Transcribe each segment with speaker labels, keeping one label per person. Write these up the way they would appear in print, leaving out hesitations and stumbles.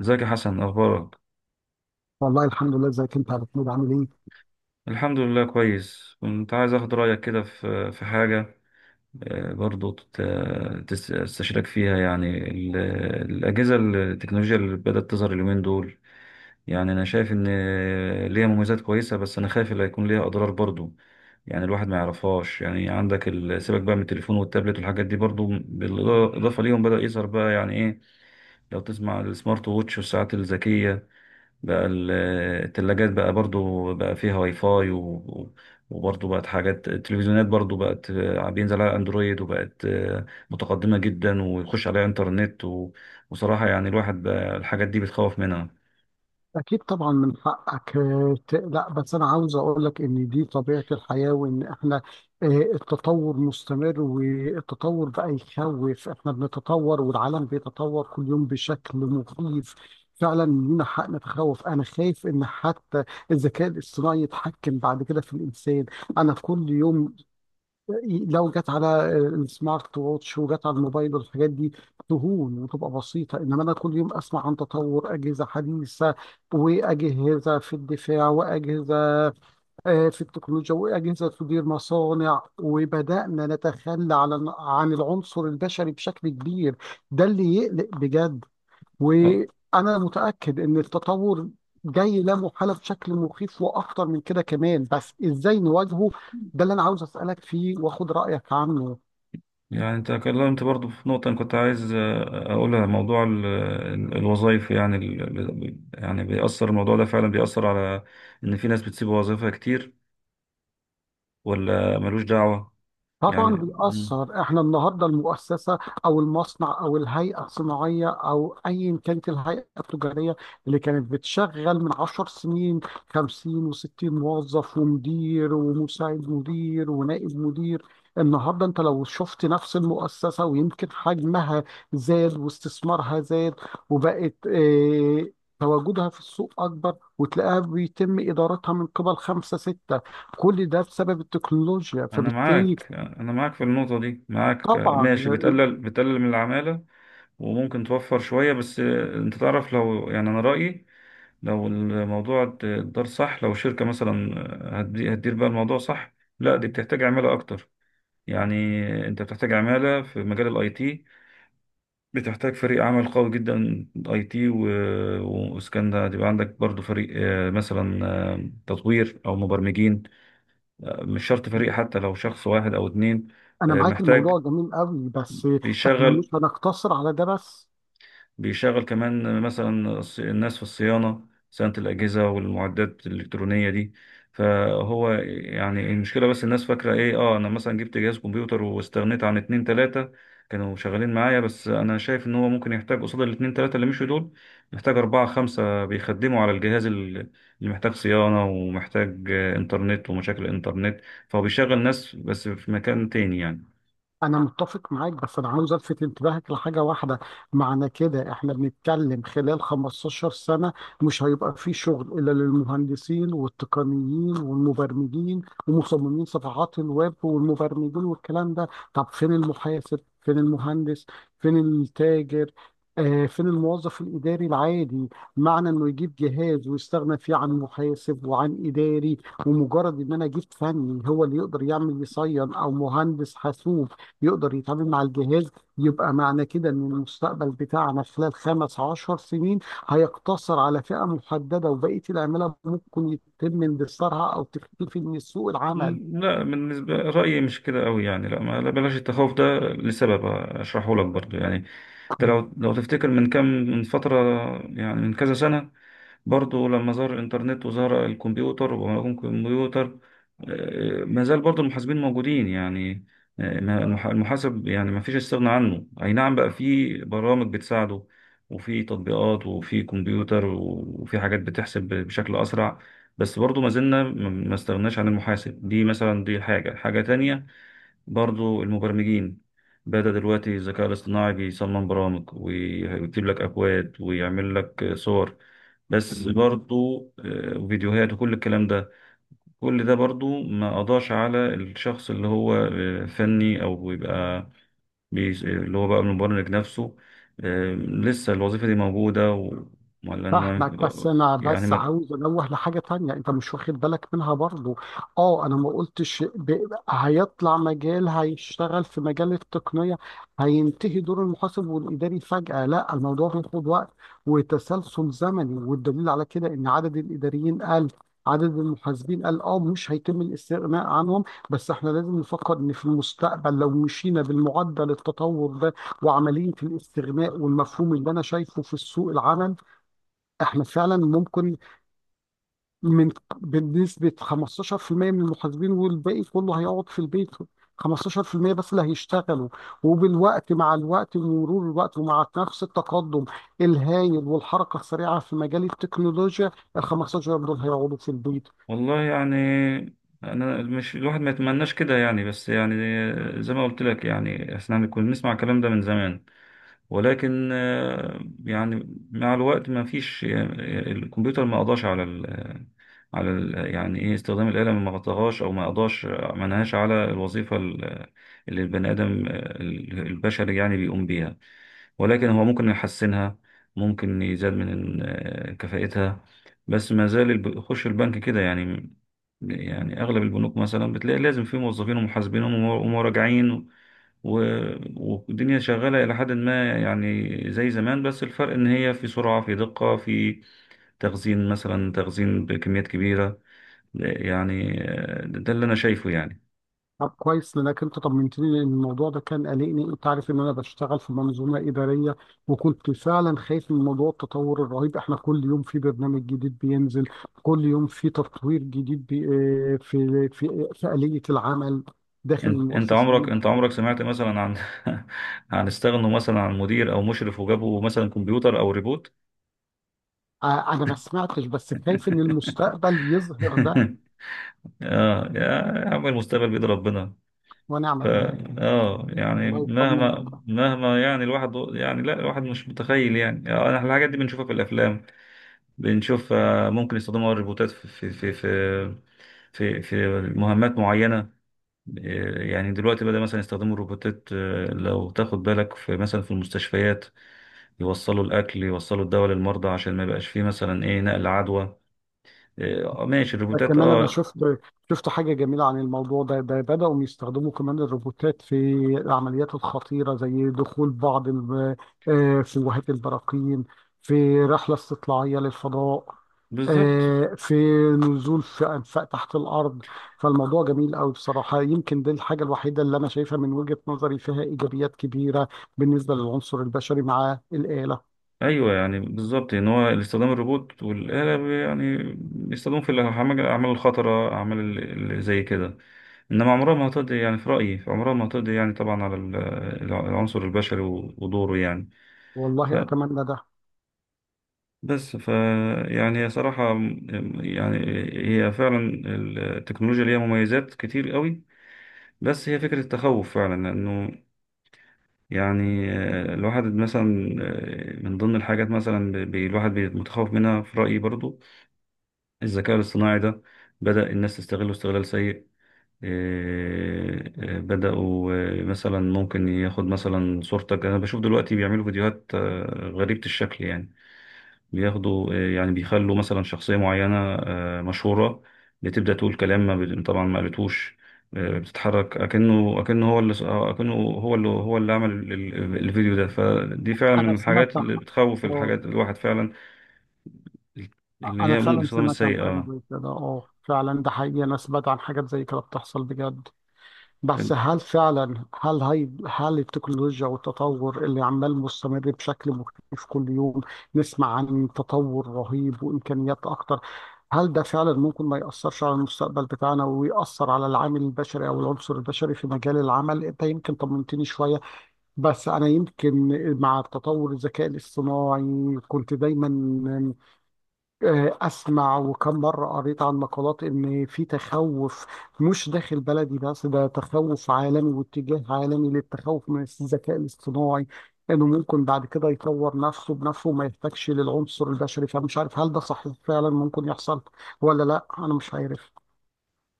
Speaker 1: ازيك يا حسن اخبارك.
Speaker 2: والله، الحمد لله. ازيك انت يا محمود عامل ايه؟
Speaker 1: الحمد لله كويس. كنت عايز اخد رايك كده في حاجه. برضو تستشيرك فيها. يعني الاجهزه التكنولوجيا اللي بدات تظهر اليومين دول، يعني انا شايف ان ليها مميزات كويسه، بس انا خايف اللي هيكون ليها اضرار برضو، يعني الواحد ما يعرفهاش. يعني عندك سيبك بقى من التليفون والتابلت والحاجات دي، برضو بالاضافه ليهم بدا يظهر بقى يعني ايه، لو تسمع السمارت ووتش والساعات الذكيه. بقى التلاجات بقى برضو بقى فيها واي فاي و- وبرضو بقت حاجات. التلفزيونات برضو بقت، بينزل عليها اندرويد وبقت متقدمة جدا ويخش عليها انترنت. وصراحة يعني الواحد بقى الحاجات دي بتخوف منها.
Speaker 2: اكيد طبعا، من حقك تقلق، بس انا عاوز اقول لك ان دي طبيعه الحياه، وان احنا التطور مستمر. والتطور بقى يخوف. احنا بنتطور والعالم بيتطور كل يوم بشكل مخيف. فعلا لينا حق نتخوف. انا خايف ان حتى الذكاء الاصطناعي يتحكم بعد كده في الانسان. انا في كل يوم لو جت على السمارت ووتش وجت على الموبايل والحاجات دي تهون وتبقى بسيطة، إنما أنا كل يوم أسمع عن تطور أجهزة حديثة، وأجهزة في الدفاع، وأجهزة في التكنولوجيا، وأجهزة تدير مصانع، وبدأنا نتخلى عن العنصر البشري بشكل كبير. ده اللي يقلق بجد.
Speaker 1: آه،
Speaker 2: وانا متاكد ان التطور جاي لا محاله بشكل مخيف واخطر من كده كمان، بس ازاي نواجهه؟ ده اللي انا عاوز اسالك فيه واخد رايك عنه.
Speaker 1: يعني انت اتكلمت برضو في نقطة أنا كنت عايز اقولها، موضوع الوظايف. يعني يعني بيأثر الموضوع ده، فعلا بيأثر على ان في ناس بتسيب وظائفها كتير، ولا ملوش دعوة.
Speaker 2: طبعا
Speaker 1: يعني
Speaker 2: بيأثر. احنا النهارده المؤسسه او المصنع او الهيئه الصناعيه او ايا كانت الهيئه التجاريه اللي كانت بتشغل من 10 سنين 50 و60 موظف ومدير ومساعد مدير ونائب مدير. النهارده انت لو شفت نفس المؤسسه ويمكن حجمها زاد واستثمارها زاد، وبقت تواجدها في السوق اكبر، وتلاقيها بيتم ادارتها من قبل خمسه سته. كل ده بسبب التكنولوجيا،
Speaker 1: انا
Speaker 2: فبالتالي
Speaker 1: معاك انا معاك في النقطه دي، معاك
Speaker 2: طبعا.
Speaker 1: ماشي، بتقلل من العماله وممكن توفر شويه. بس انت تعرف، لو يعني انا رايي، لو الموضوع اتدار صح، لو شركه مثلا هتدير بقى الموضوع صح، لا دي بتحتاج عماله اكتر. يعني انت بتحتاج عماله في مجال الاي تي، بتحتاج فريق عمل قوي جدا اي تي واسكان ده، يبقى عندك برضو فريق مثلا تطوير او مبرمجين، مش شرط فريق، حتى لو شخص واحد او اتنين.
Speaker 2: انا معاك الموضوع
Speaker 1: محتاج،
Speaker 2: جميل قوي، بس احنا
Speaker 1: بيشغل
Speaker 2: مش هنقتصر على ده بس.
Speaker 1: بيشغل كمان مثلا الناس في الصيانة، صيانة الأجهزة والمعدات الإلكترونية دي. فهو يعني، المشكلة بس الناس فاكرة إيه، آه، أنا مثلا جبت جهاز كمبيوتر واستغنيت عن اتنين تلاتة كانوا شغالين معايا، بس أنا شايف إن هو ممكن يحتاج قصاد الاتنين تلاتة اللي مشوا دول محتاج أربعة خمسة بيخدموا على الجهاز اللي محتاج صيانة ومحتاج إنترنت ومشاكل إنترنت. فهو بيشغل ناس بس في مكان تاني يعني.
Speaker 2: أنا متفق معاك، بس أنا عاوز ألفت انتباهك لحاجة واحدة. معنى كده إحنا بنتكلم خلال 15 سنة مش هيبقى في شغل إلا للمهندسين والتقنيين والمبرمجين ومصممين صفحات الويب والمبرمجين والكلام ده. طب فين المحاسب؟ فين المهندس؟ فين التاجر؟ فين الموظف الإداري العادي؟ معنى إنه يجيب جهاز ويستغنى فيه عن محاسب وعن إداري، ومجرد إن أنا جبت فني هو اللي يقدر يعمل يصين أو مهندس حاسوب يقدر يتعامل مع الجهاز، يبقى معنى كده ان المستقبل بتاعنا خلال 15 سنين هيقتصر على فئة محددة، وبقية العمالة ممكن يتم اندثارها او تختفي من سوق العمل.
Speaker 1: لا بالنسبة رأيي مش كده قوي يعني، لا ما لا، بلاش التخوف ده لسبب أشرحه لك برضو. يعني انت، لو تفتكر من كام، من فترة، يعني من كذا سنة، برضو لما ظهر الإنترنت وظهر الكمبيوتر ومعلومة الكمبيوتر، ما زال برضو المحاسبين موجودين يعني. المحاسب يعني ما فيش استغنى عنه، أي نعم بقى في برامج بتساعده وفي تطبيقات وفي كمبيوتر وفي حاجات بتحسب بشكل أسرع، بس برضو ما زلنا ما استغناش عن المحاسب. دي مثلا دي حاجة تانية، برضو المبرمجين بدأ دلوقتي الذكاء الاصطناعي بيصمم برامج ويكتب لك أكواد ويعمل لك صور، بس برضو وفيديوهات وكل الكلام ده. كل ده برضو ما قضاش على الشخص اللي هو فني أو بيبقى اللي هو بقى المبرمج نفسه. لسه الوظيفة دي موجودة ولا
Speaker 2: فاهمك، بس
Speaker 1: إنه-
Speaker 2: انا
Speaker 1: يعني
Speaker 2: بس عاوز انوه لحاجه تانية انت مش واخد بالك منها برضو. اه، انا ما قلتش هيطلع مجال، هيشتغل في مجال التقنيه، هينتهي دور المحاسب والاداري فجاه. لا، الموضوع بياخد وقت وتسلسل زمني، والدليل على كده ان عدد الاداريين قل، عدد المحاسبين قال. اه مش هيتم الاستغناء عنهم، بس احنا لازم نفكر ان في المستقبل لو مشينا بالمعدل التطور ده وعمليه الاستغناء والمفهوم اللي انا شايفه في سوق العمل، احنا فعلا ممكن من بنسبة 15% من المحاسبين، والباقي كله هيقعد في البيت. 15% بس اللي هيشتغلوا، مع الوقت ومرور الوقت ومع نفس التقدم الهايل والحركة السريعة في مجال التكنولوجيا، ال 15 دول هيقعدوا في البيت.
Speaker 1: والله يعني، انا مش، الواحد ما يتمناش كده يعني، بس يعني زي ما قلت لك، يعني احنا كنا بنسمع الكلام ده من زمان، ولكن يعني مع الوقت ما فيش، الكمبيوتر ما قضاش على ال يعني ايه، استخدام الآلة ما غطاهاش او ما قضاش ما نهاش على الوظيفة اللي البني آدم البشري يعني بيقوم بيها، ولكن هو ممكن يحسنها، ممكن يزاد من كفاءتها. بس ما زال يخش البنك كده يعني، يعني أغلب البنوك مثلا بتلاقي لازم في موظفين ومحاسبين ومراجعين، و... والدنيا شغالة إلى حد ما يعني زي زمان، بس الفرق إن هي في سرعة في دقة في تخزين، مثلا تخزين بكميات كبيرة. يعني ده اللي أنا شايفه يعني.
Speaker 2: طب كويس، لانك انت طمنتني، لان الموضوع ده كان قلقني. انت عارف ان انا بشتغل في منظومه اداريه، وكنت فعلا خايف من موضوع التطور الرهيب. احنا كل يوم في برنامج جديد بينزل، كل يوم في تطوير جديد بي آه، في في في آلية العمل داخل
Speaker 1: انت انت
Speaker 2: المؤسسه
Speaker 1: عمرك
Speaker 2: اللي
Speaker 1: انت
Speaker 2: انا...
Speaker 1: عمرك سمعت مثلا عن عن استغنوا مثلا عن مدير او مشرف وجابوا مثلا كمبيوتر او ريبوت؟
Speaker 2: أنا ما سمعتش، بس خايف ان المستقبل يظهر ده.
Speaker 1: اه يا، يا عم المستقبل بيد ربنا. ف
Speaker 2: ونعم بالله.
Speaker 1: اه يعني
Speaker 2: الله يطمن
Speaker 1: مهما
Speaker 2: عليك.
Speaker 1: مهما يعني الواحد يعني، لا الواحد مش متخيل يعني. احنا الحاجات دي بنشوفها في الافلام، بنشوف ممكن يستخدموا الروبوتات في مهمات معينة. يعني دلوقتي بدأ مثلا يستخدموا الروبوتات، لو تاخد بالك في مثلا في المستشفيات، يوصلوا الأكل يوصلوا الدواء للمرضى عشان ما يبقاش فيه مثلا، إيه، نقل عدوى. إيه، آه ماشي الروبوتات
Speaker 2: كمان انا
Speaker 1: آه.
Speaker 2: شفت حاجه جميله عن الموضوع ده. بداوا يستخدموا كمان الروبوتات في العمليات الخطيره، زي دخول بعض فلوهات البراكين، في رحله استطلاعيه للفضاء،
Speaker 1: بالظبط.
Speaker 2: في نزول في انفاق تحت الارض. فالموضوع جميل قوي بصراحه. يمكن دي الحاجه الوحيده اللي انا شايفها من وجهه نظري فيها ايجابيات كبيره بالنسبه للعنصر البشري مع الاله.
Speaker 1: أيوه يعني بالظبط إن هو استخدام الروبوت والآلة يعني بيستخدموا في الأعمال، الأعمال الخطرة، أعمال اللي زي كده. إنما عمرها ما هتقضي، يعني في رأيي عمرها ما هتقضي يعني طبعا على العنصر البشري ودوره يعني.
Speaker 2: والله اتمنى ده.
Speaker 1: فبس. يعني هي صراحة، يعني هي فعلا التكنولوجيا ليها مميزات كتير قوي، بس هي فكرة التخوف فعلا انه، يعني، الواحد مثلا، من ضمن الحاجات مثلا الواحد متخوف منها في رأيي، برضو الذكاء الاصطناعي ده بدأ الناس تستغله استغلال سيء. بدأوا مثلا ممكن ياخد مثلا صورتك، أنا بشوف دلوقتي بيعملوا فيديوهات غريبة الشكل يعني، بياخدوا يعني بيخلوا مثلا شخصية معينة مشهورة بتبدأ تقول كلام ما بت- طبعا ما قالتوش، بتتحرك أكنه هو اللي هو اللي عمل الفيديو ده. فدي فعلا من
Speaker 2: انا سمعت
Speaker 1: الحاجات اللي بتخوف
Speaker 2: عنها.
Speaker 1: الحاجات الواحد فعلا، اللي
Speaker 2: انا
Speaker 1: هي ممكن
Speaker 2: فعلا
Speaker 1: صدام
Speaker 2: سمعت عن حاجه
Speaker 1: السيئة.
Speaker 2: زي كده. اه فعلا ده حقيقي. انا سمعت عن حاجات زي كده بتحصل بجد، بس هل فعلا هل هي هل التكنولوجيا والتطور اللي عمال مستمر بشكل مختلف كل يوم نسمع عن تطور رهيب وامكانيات اكتر، هل ده فعلا ممكن ما يأثرش على المستقبل بتاعنا ويأثر على العامل البشري او العنصر البشري في مجال العمل؟ انت يمكن طمنتني شويه، بس انا يمكن مع تطور الذكاء الاصطناعي كنت دايما أسمع، وكم مرة قريت عن مقالات إن في تخوف مش داخل بلدي بس، ده تخوف عالمي واتجاه عالمي للتخوف من الذكاء الاصطناعي، إنه ممكن بعد كده يطور نفسه بنفسه وما يحتاجش للعنصر البشري. فمش عارف هل ده صحيح فعلا ممكن يحصل ولا لا، أنا مش عارف.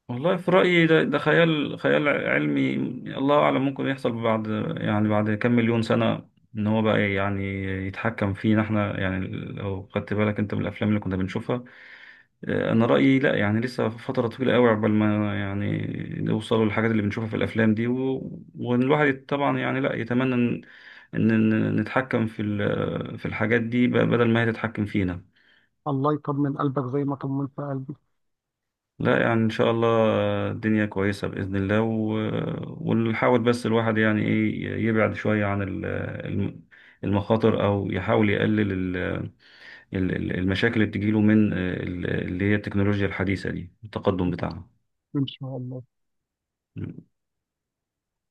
Speaker 1: والله في رأيي ده خيال، خيال علمي. الله أعلم ممكن يحصل بعد، يعني بعد كام مليون سنة، إن هو بقى يعني يتحكم فينا إحنا، يعني لو خدت بالك أنت من الأفلام اللي كنا بنشوفها. أنا رأيي لأ، يعني لسه فترة طويلة أوي عقبال ما يعني نوصلوا للحاجات اللي بنشوفها في الأفلام دي. والواحد طبعا يعني لأ، يتمنى إن، إن نتحكم في في الحاجات دي بدل ما هي تتحكم فينا.
Speaker 2: الله يطمن قلبك زي ما طمنت قلبي.
Speaker 1: لا يعني ان شاء الله الدنيا كويسة بإذن الله، ونحاول بس الواحد يعني ايه يبعد شوية عن الم- المخاطر، او يحاول يقلل المشاكل اللي بتجيله من اللي هي التكنولوجيا الحديثة دي التقدم بتاعها.
Speaker 2: إن شاء الله.